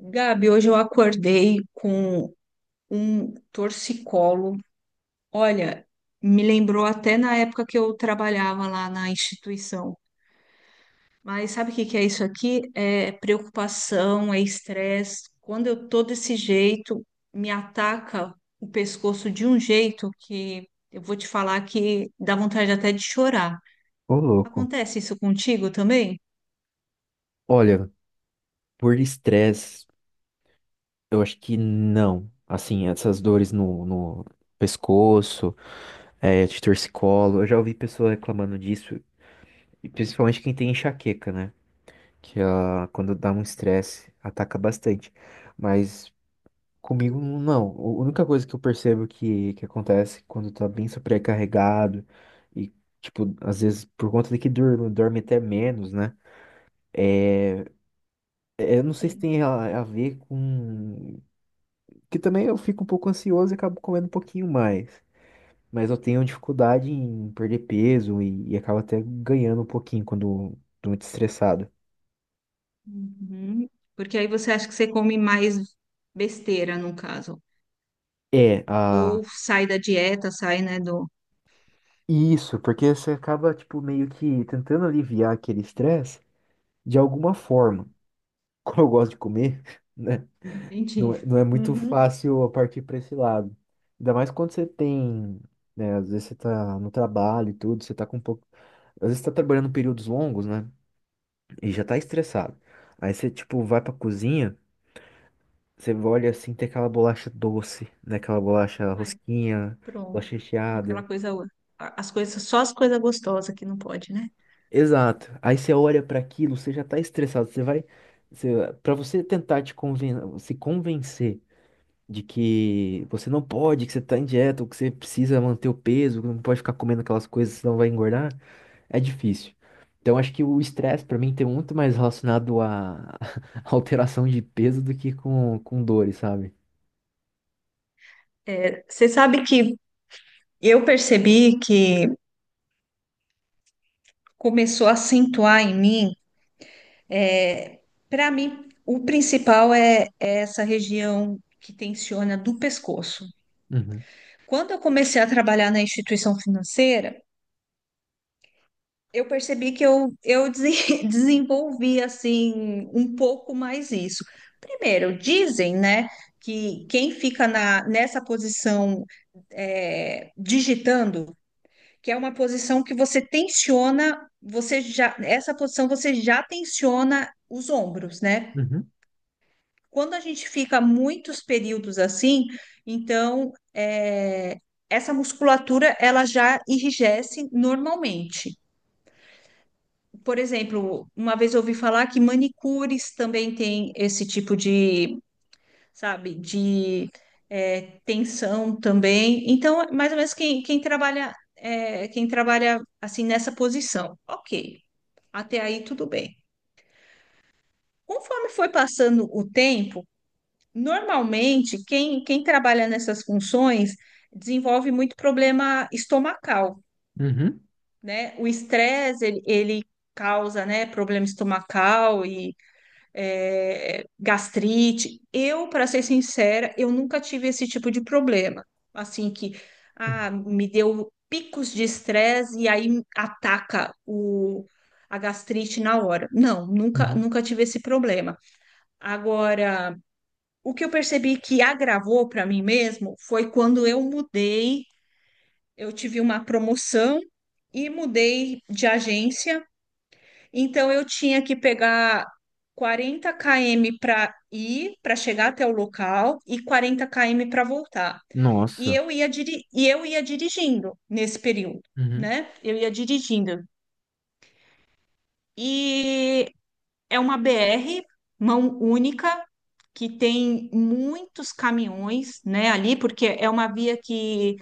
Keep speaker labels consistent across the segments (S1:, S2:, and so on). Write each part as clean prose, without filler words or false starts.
S1: Gabi, hoje eu acordei com um torcicolo. Olha, me lembrou até na época que eu trabalhava lá na instituição. Mas sabe o que é isso aqui? É preocupação, é estresse. Quando eu tô desse jeito, me ataca o pescoço de um jeito que eu vou te falar que dá vontade até de chorar.
S2: Ô, louco.
S1: Acontece isso contigo também?
S2: Olha, por estresse, eu acho que não. Assim, essas dores no pescoço, de torcicolo, eu já ouvi pessoas reclamando disso, e principalmente quem tem enxaqueca, né? Que quando dá um estresse, ataca bastante. Mas comigo, não. A única coisa que eu percebo que acontece quando tá bem sobrecarregado, e, tipo, às vezes por conta de que dorme até menos, né? É, eu não sei se
S1: Sim.
S2: tem a ver com Que também eu fico um pouco ansioso e acabo comendo um pouquinho mais. Mas eu tenho dificuldade em perder peso e acabo até ganhando um pouquinho quando tô muito estressado.
S1: Uhum. Porque aí você acha que você come mais besteira, no caso.
S2: É,
S1: Ou
S2: ah,
S1: sai da dieta, sai, né,
S2: isso, porque você acaba, tipo, meio que tentando aliviar aquele estresse de alguma forma. Como eu gosto de comer, né? Não
S1: Entendi.
S2: é, não é muito
S1: Uhum.
S2: fácil eu partir para esse lado. Ainda mais quando você tem, né? Às vezes você tá no trabalho e tudo, você tá com um pouco. Às vezes você tá trabalhando períodos longos, né? e já tá estressado. Aí você, tipo, vai pra cozinha, você olha assim, tem aquela bolacha doce, né? Aquela bolacha
S1: Ai,
S2: rosquinha,
S1: pronto.
S2: bolacha
S1: Aquela
S2: recheada.
S1: coisa, as coisas, só as coisas gostosas que não pode, né?
S2: Exato. Aí você olha pra aquilo, você já tá estressado. Você vai. Você, pra você tentar te conven se convencer de que você não pode, que você tá em dieta, ou que você precisa manter o peso, que não pode ficar comendo aquelas coisas, senão vai engordar, é difícil. Então, acho que o estresse, pra mim, tem muito mais relacionado à alteração de peso do que com dores, sabe?
S1: É. Você sabe que eu percebi que começou a acentuar em mim, é, para mim, o principal é essa região que tensiona do pescoço.
S2: Uhum,
S1: Quando eu comecei a trabalhar na instituição financeira, eu percebi que eu desen- desenvolvi assim um pouco mais isso. Primeiro, dizem, né, que quem fica nessa posição digitando, que é uma posição que você tensiona, você já, essa posição você já tensiona os ombros, né?
S2: uhum,
S1: Quando a gente fica muitos períodos assim, então é, essa musculatura ela já enrijece normalmente. Por exemplo, uma vez eu ouvi falar que manicures também tem esse tipo de, sabe, de tensão também. Então, é mais ou menos quem trabalha, quem trabalha assim nessa posição, ok. Até aí tudo bem. Conforme foi passando o tempo, normalmente quem trabalha nessas funções desenvolve muito problema estomacal,
S2: uhum,
S1: né? O estresse, ele causa, né, problema estomacal gastrite. Eu, para ser sincera, eu nunca tive esse tipo de problema. Assim que
S2: uhum,
S1: me deu picos de estresse e aí ataca a gastrite na hora. Não, nunca,
S2: uhum.
S1: nunca tive esse problema. Agora, o que eu percebi que agravou para mim mesmo foi quando eu mudei, eu tive uma promoção e mudei de agência. Então eu tinha que pegar 40 km para ir, para chegar até o local e 40 km para voltar.
S2: Nossa.
S1: E eu ia dirigindo nesse período,
S2: Uhum.
S1: né? Eu ia dirigindo. E é uma BR mão única que tem muitos caminhões, né, ali, porque é uma via que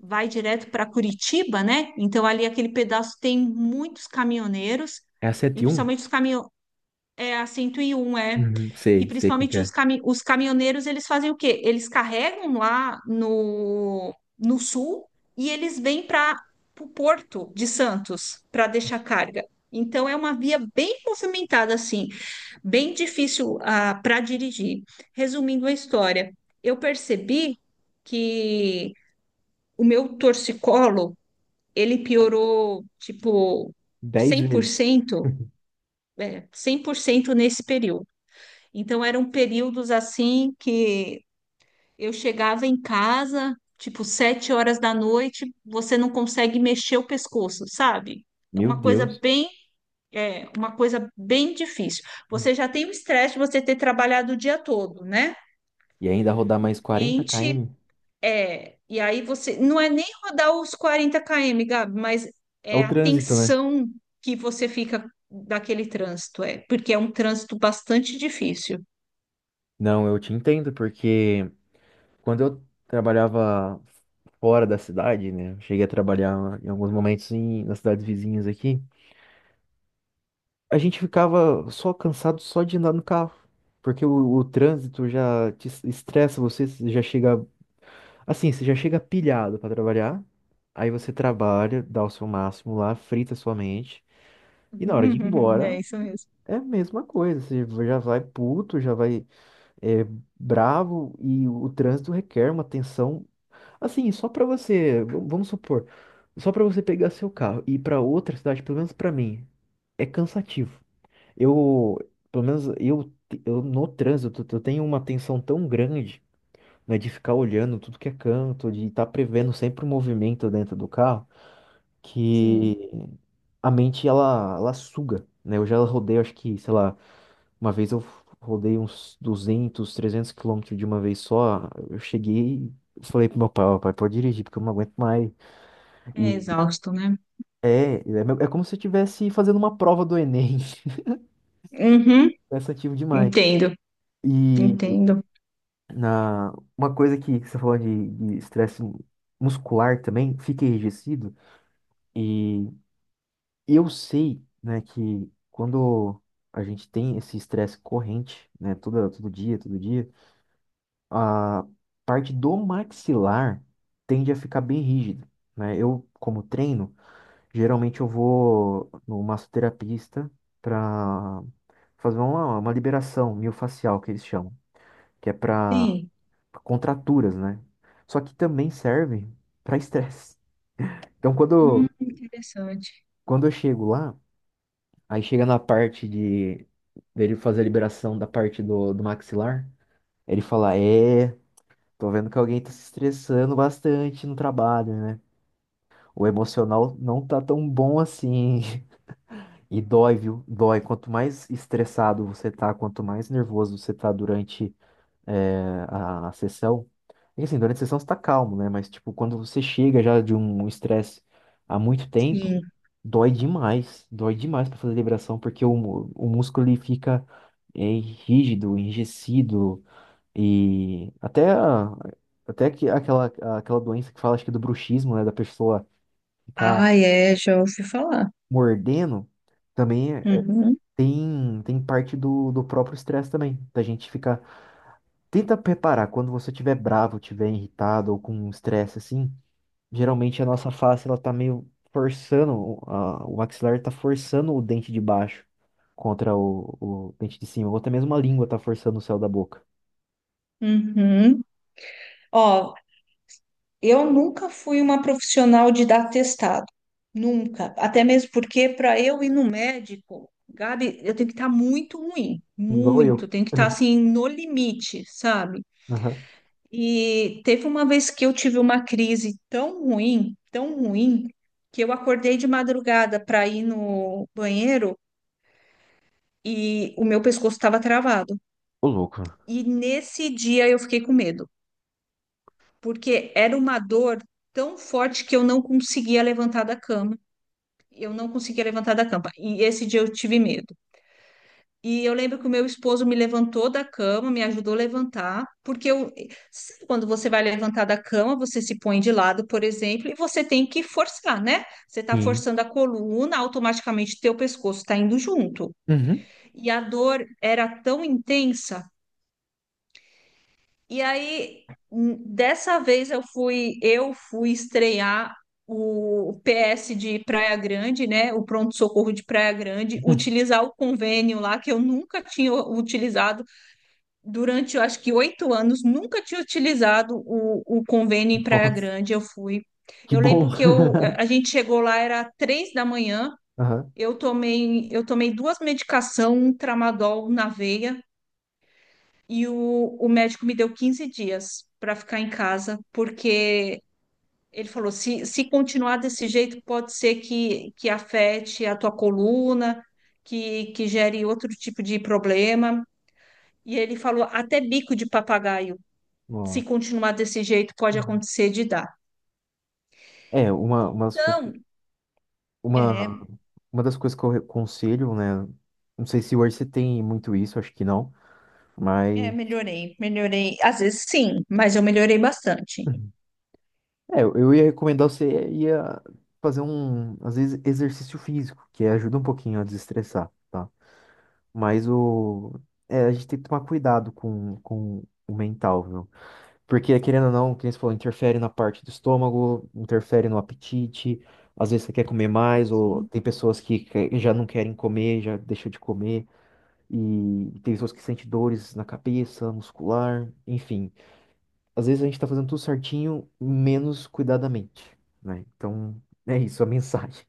S1: vai direto para Curitiba, né? Então ali aquele pedaço tem muitos caminhoneiros.
S2: É a
S1: E
S2: 7-1?
S1: principalmente os caminhões é a 101 é.
S2: Uhum.
S1: E
S2: Sei, sei como que
S1: principalmente
S2: é.
S1: os caminhoneiros, eles fazem o quê? Eles carregam lá no sul e eles vêm para o porto de Santos para deixar carga. Então é uma via bem movimentada, assim, bem difícil para dirigir. Resumindo a história, eu percebi que o meu torcicolo, ele piorou, tipo,
S2: 10 vezes.
S1: 100%, é, 100% nesse período. Então eram períodos assim que eu chegava em casa, tipo 7 horas da noite, você não consegue mexer o pescoço, sabe? É
S2: Meu
S1: uma coisa
S2: Deus.
S1: bem, é uma coisa bem difícil. Você já tem o estresse de você ter trabalhado o dia todo, né?
S2: E ainda rodar mais 40
S1: Cliente
S2: km?
S1: é, e aí você não é nem rodar os 40 km, Gabi, mas
S2: É
S1: é
S2: o
S1: a
S2: trânsito, né?
S1: tensão que você fica daquele trânsito, é, porque é um trânsito bastante difícil.
S2: Não, eu te entendo, porque quando eu trabalhava fora da cidade, né? eu cheguei a trabalhar em alguns momentos em, nas cidades vizinhas aqui. A gente ficava só cansado só de andar no carro, porque o trânsito já te estressa você, você já chega assim, você já chega pilhado pra trabalhar, aí você trabalha, dá o seu máximo lá, frita sua mente, e na hora de ir embora
S1: É isso mesmo.
S2: é a mesma coisa, você já vai puto, já vai é, bravo, e o, trânsito requer uma atenção, assim, só pra você, vamos supor, só pra você pegar seu carro e ir pra outra cidade, pelo menos pra mim, é cansativo. Eu, pelo menos eu no trânsito, eu tenho uma tensão tão grande, né, de ficar olhando tudo que é canto, de estar prevendo sempre o movimento dentro do carro,
S1: Sim.
S2: que a mente ela suga, né? Eu já rodei, acho que, sei lá, uma vez eu rodei uns 200, 300 quilômetros de uma vez só. Eu cheguei, falei pro meu pai, ó, pai, pode dirigir, porque eu não aguento mais.
S1: É
S2: E
S1: exausto, né?
S2: é, é, é como se eu estivesse fazendo uma prova do Enem,
S1: Uhum,
S2: cansativo demais.
S1: entendo,
S2: E
S1: entendo.
S2: na, uma coisa que você falou de estresse muscular também, fica enrijecido. E eu sei, né, que quando a gente tem esse estresse corrente, né, todo, todo dia, a parte do maxilar tende a ficar bem rígida, né? Eu, como treino, geralmente eu vou no massoterapista para fazer uma liberação miofascial, que eles chamam, que é para
S1: Sim.
S2: contraturas, né? Só que também serve para estresse. Então, quando,
S1: Interessante.
S2: quando eu chego lá, aí chega na parte de dele fazer a liberação da parte do, do maxilar, ele fala: é, tô vendo que alguém tá se estressando bastante no trabalho, né? O emocional não tá tão bom assim. E dói, viu? Dói. Quanto mais estressado você tá, quanto mais nervoso você tá durante é, a sessão. E assim, durante a sessão você tá calmo, né? Mas, tipo, quando você chega já de um estresse há muito tempo,
S1: Sim.
S2: dói demais. Dói demais pra fazer liberação, porque o, o músculo ele fica é, rígido, enrijecido. E até, até que aquela, aquela doença que fala, acho que é do bruxismo, né? Da pessoa ficar
S1: Ah, é, já ouvi falar.
S2: mordendo, também é-
S1: Uhum,
S2: tem parte do próprio estresse também. Da gente ficar tenta preparar quando você estiver bravo, estiver irritado ou com um estresse assim. Geralmente a nossa face ela tá meio forçando, o maxilar tá forçando o dente de baixo contra o dente de cima. Ou até mesmo a língua tá forçando o céu da boca.
S1: uhum. Ó, eu nunca fui uma profissional de dar testado. Nunca. Até mesmo porque para eu ir no médico, Gabi, eu tenho que estar muito ruim.
S2: Igual
S1: Muito.
S2: eu.
S1: Tenho que estar assim, no limite, sabe?
S2: Aham.
S1: E teve uma vez que eu tive uma crise tão ruim, que eu acordei de madrugada para ir no banheiro e o meu pescoço estava travado.
S2: Ô, louco.
S1: E nesse dia eu fiquei com medo, porque era uma dor tão forte que eu não conseguia levantar da cama. Eu não conseguia levantar da cama. E esse dia eu tive medo. E eu lembro que o meu esposo me levantou da cama, me ajudou a levantar, porque eu, sabe quando você vai levantar da cama, você se põe de lado, por exemplo, e você tem que forçar, né? Você está
S2: Sim.
S1: forçando a coluna, automaticamente teu pescoço está indo junto.
S2: Uhum.
S1: E a dor era tão intensa. E aí, dessa vez eu fui estrear o PS de Praia Grande, né? O pronto-socorro de Praia Grande, utilizar o convênio lá que eu nunca tinha utilizado durante, eu acho que 8 anos, nunca tinha utilizado o convênio em Praia
S2: Nossa,
S1: Grande. Eu fui.
S2: que
S1: Eu
S2: bom.
S1: lembro que eu, a gente chegou lá, era 3 da manhã.
S2: Aham.
S1: Eu tomei duas medicações, um tramadol na veia, e o médico me deu 15 dias para ficar em casa, porque ele falou: se continuar desse jeito, pode ser que afete a tua coluna, que gere outro tipo de problema. E ele falou até bico de papagaio. Se
S2: Nossa.
S1: continuar desse jeito, pode acontecer de dar.
S2: É,
S1: Então,
S2: uma,
S1: É,
S2: uma das coisas que eu aconselho, né? Não sei se hoje você tem muito isso, acho que não, mas
S1: melhorei, melhorei. Às vezes sim, mas eu melhorei bastante.
S2: é, eu ia recomendar você ia fazer um, às vezes, exercício físico, que ajuda um pouquinho a desestressar, tá? Mas o, é, a gente tem que tomar cuidado com, o mental, viu? Porque, querendo ou não, como você falou, interfere na parte do estômago, interfere no apetite, às vezes você quer comer mais, ou
S1: Sim,
S2: tem pessoas que já não querem comer, já deixam de comer, e tem pessoas que sentem dores na cabeça, muscular, enfim, às vezes a gente tá fazendo tudo certinho, menos cuidadamente, né? Então, é isso a mensagem.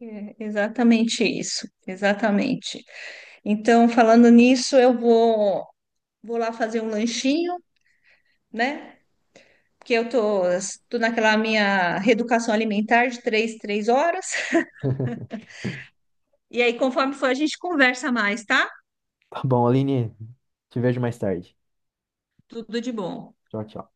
S1: é exatamente isso, exatamente. Então, falando nisso, vou lá fazer um lanchinho, né? Porque eu tô naquela minha reeducação alimentar de três horas. E aí, conforme for, a gente conversa mais, tá?
S2: Tá bom, Aline, te vejo mais tarde.
S1: Tudo de bom.
S2: Tchau, tchau.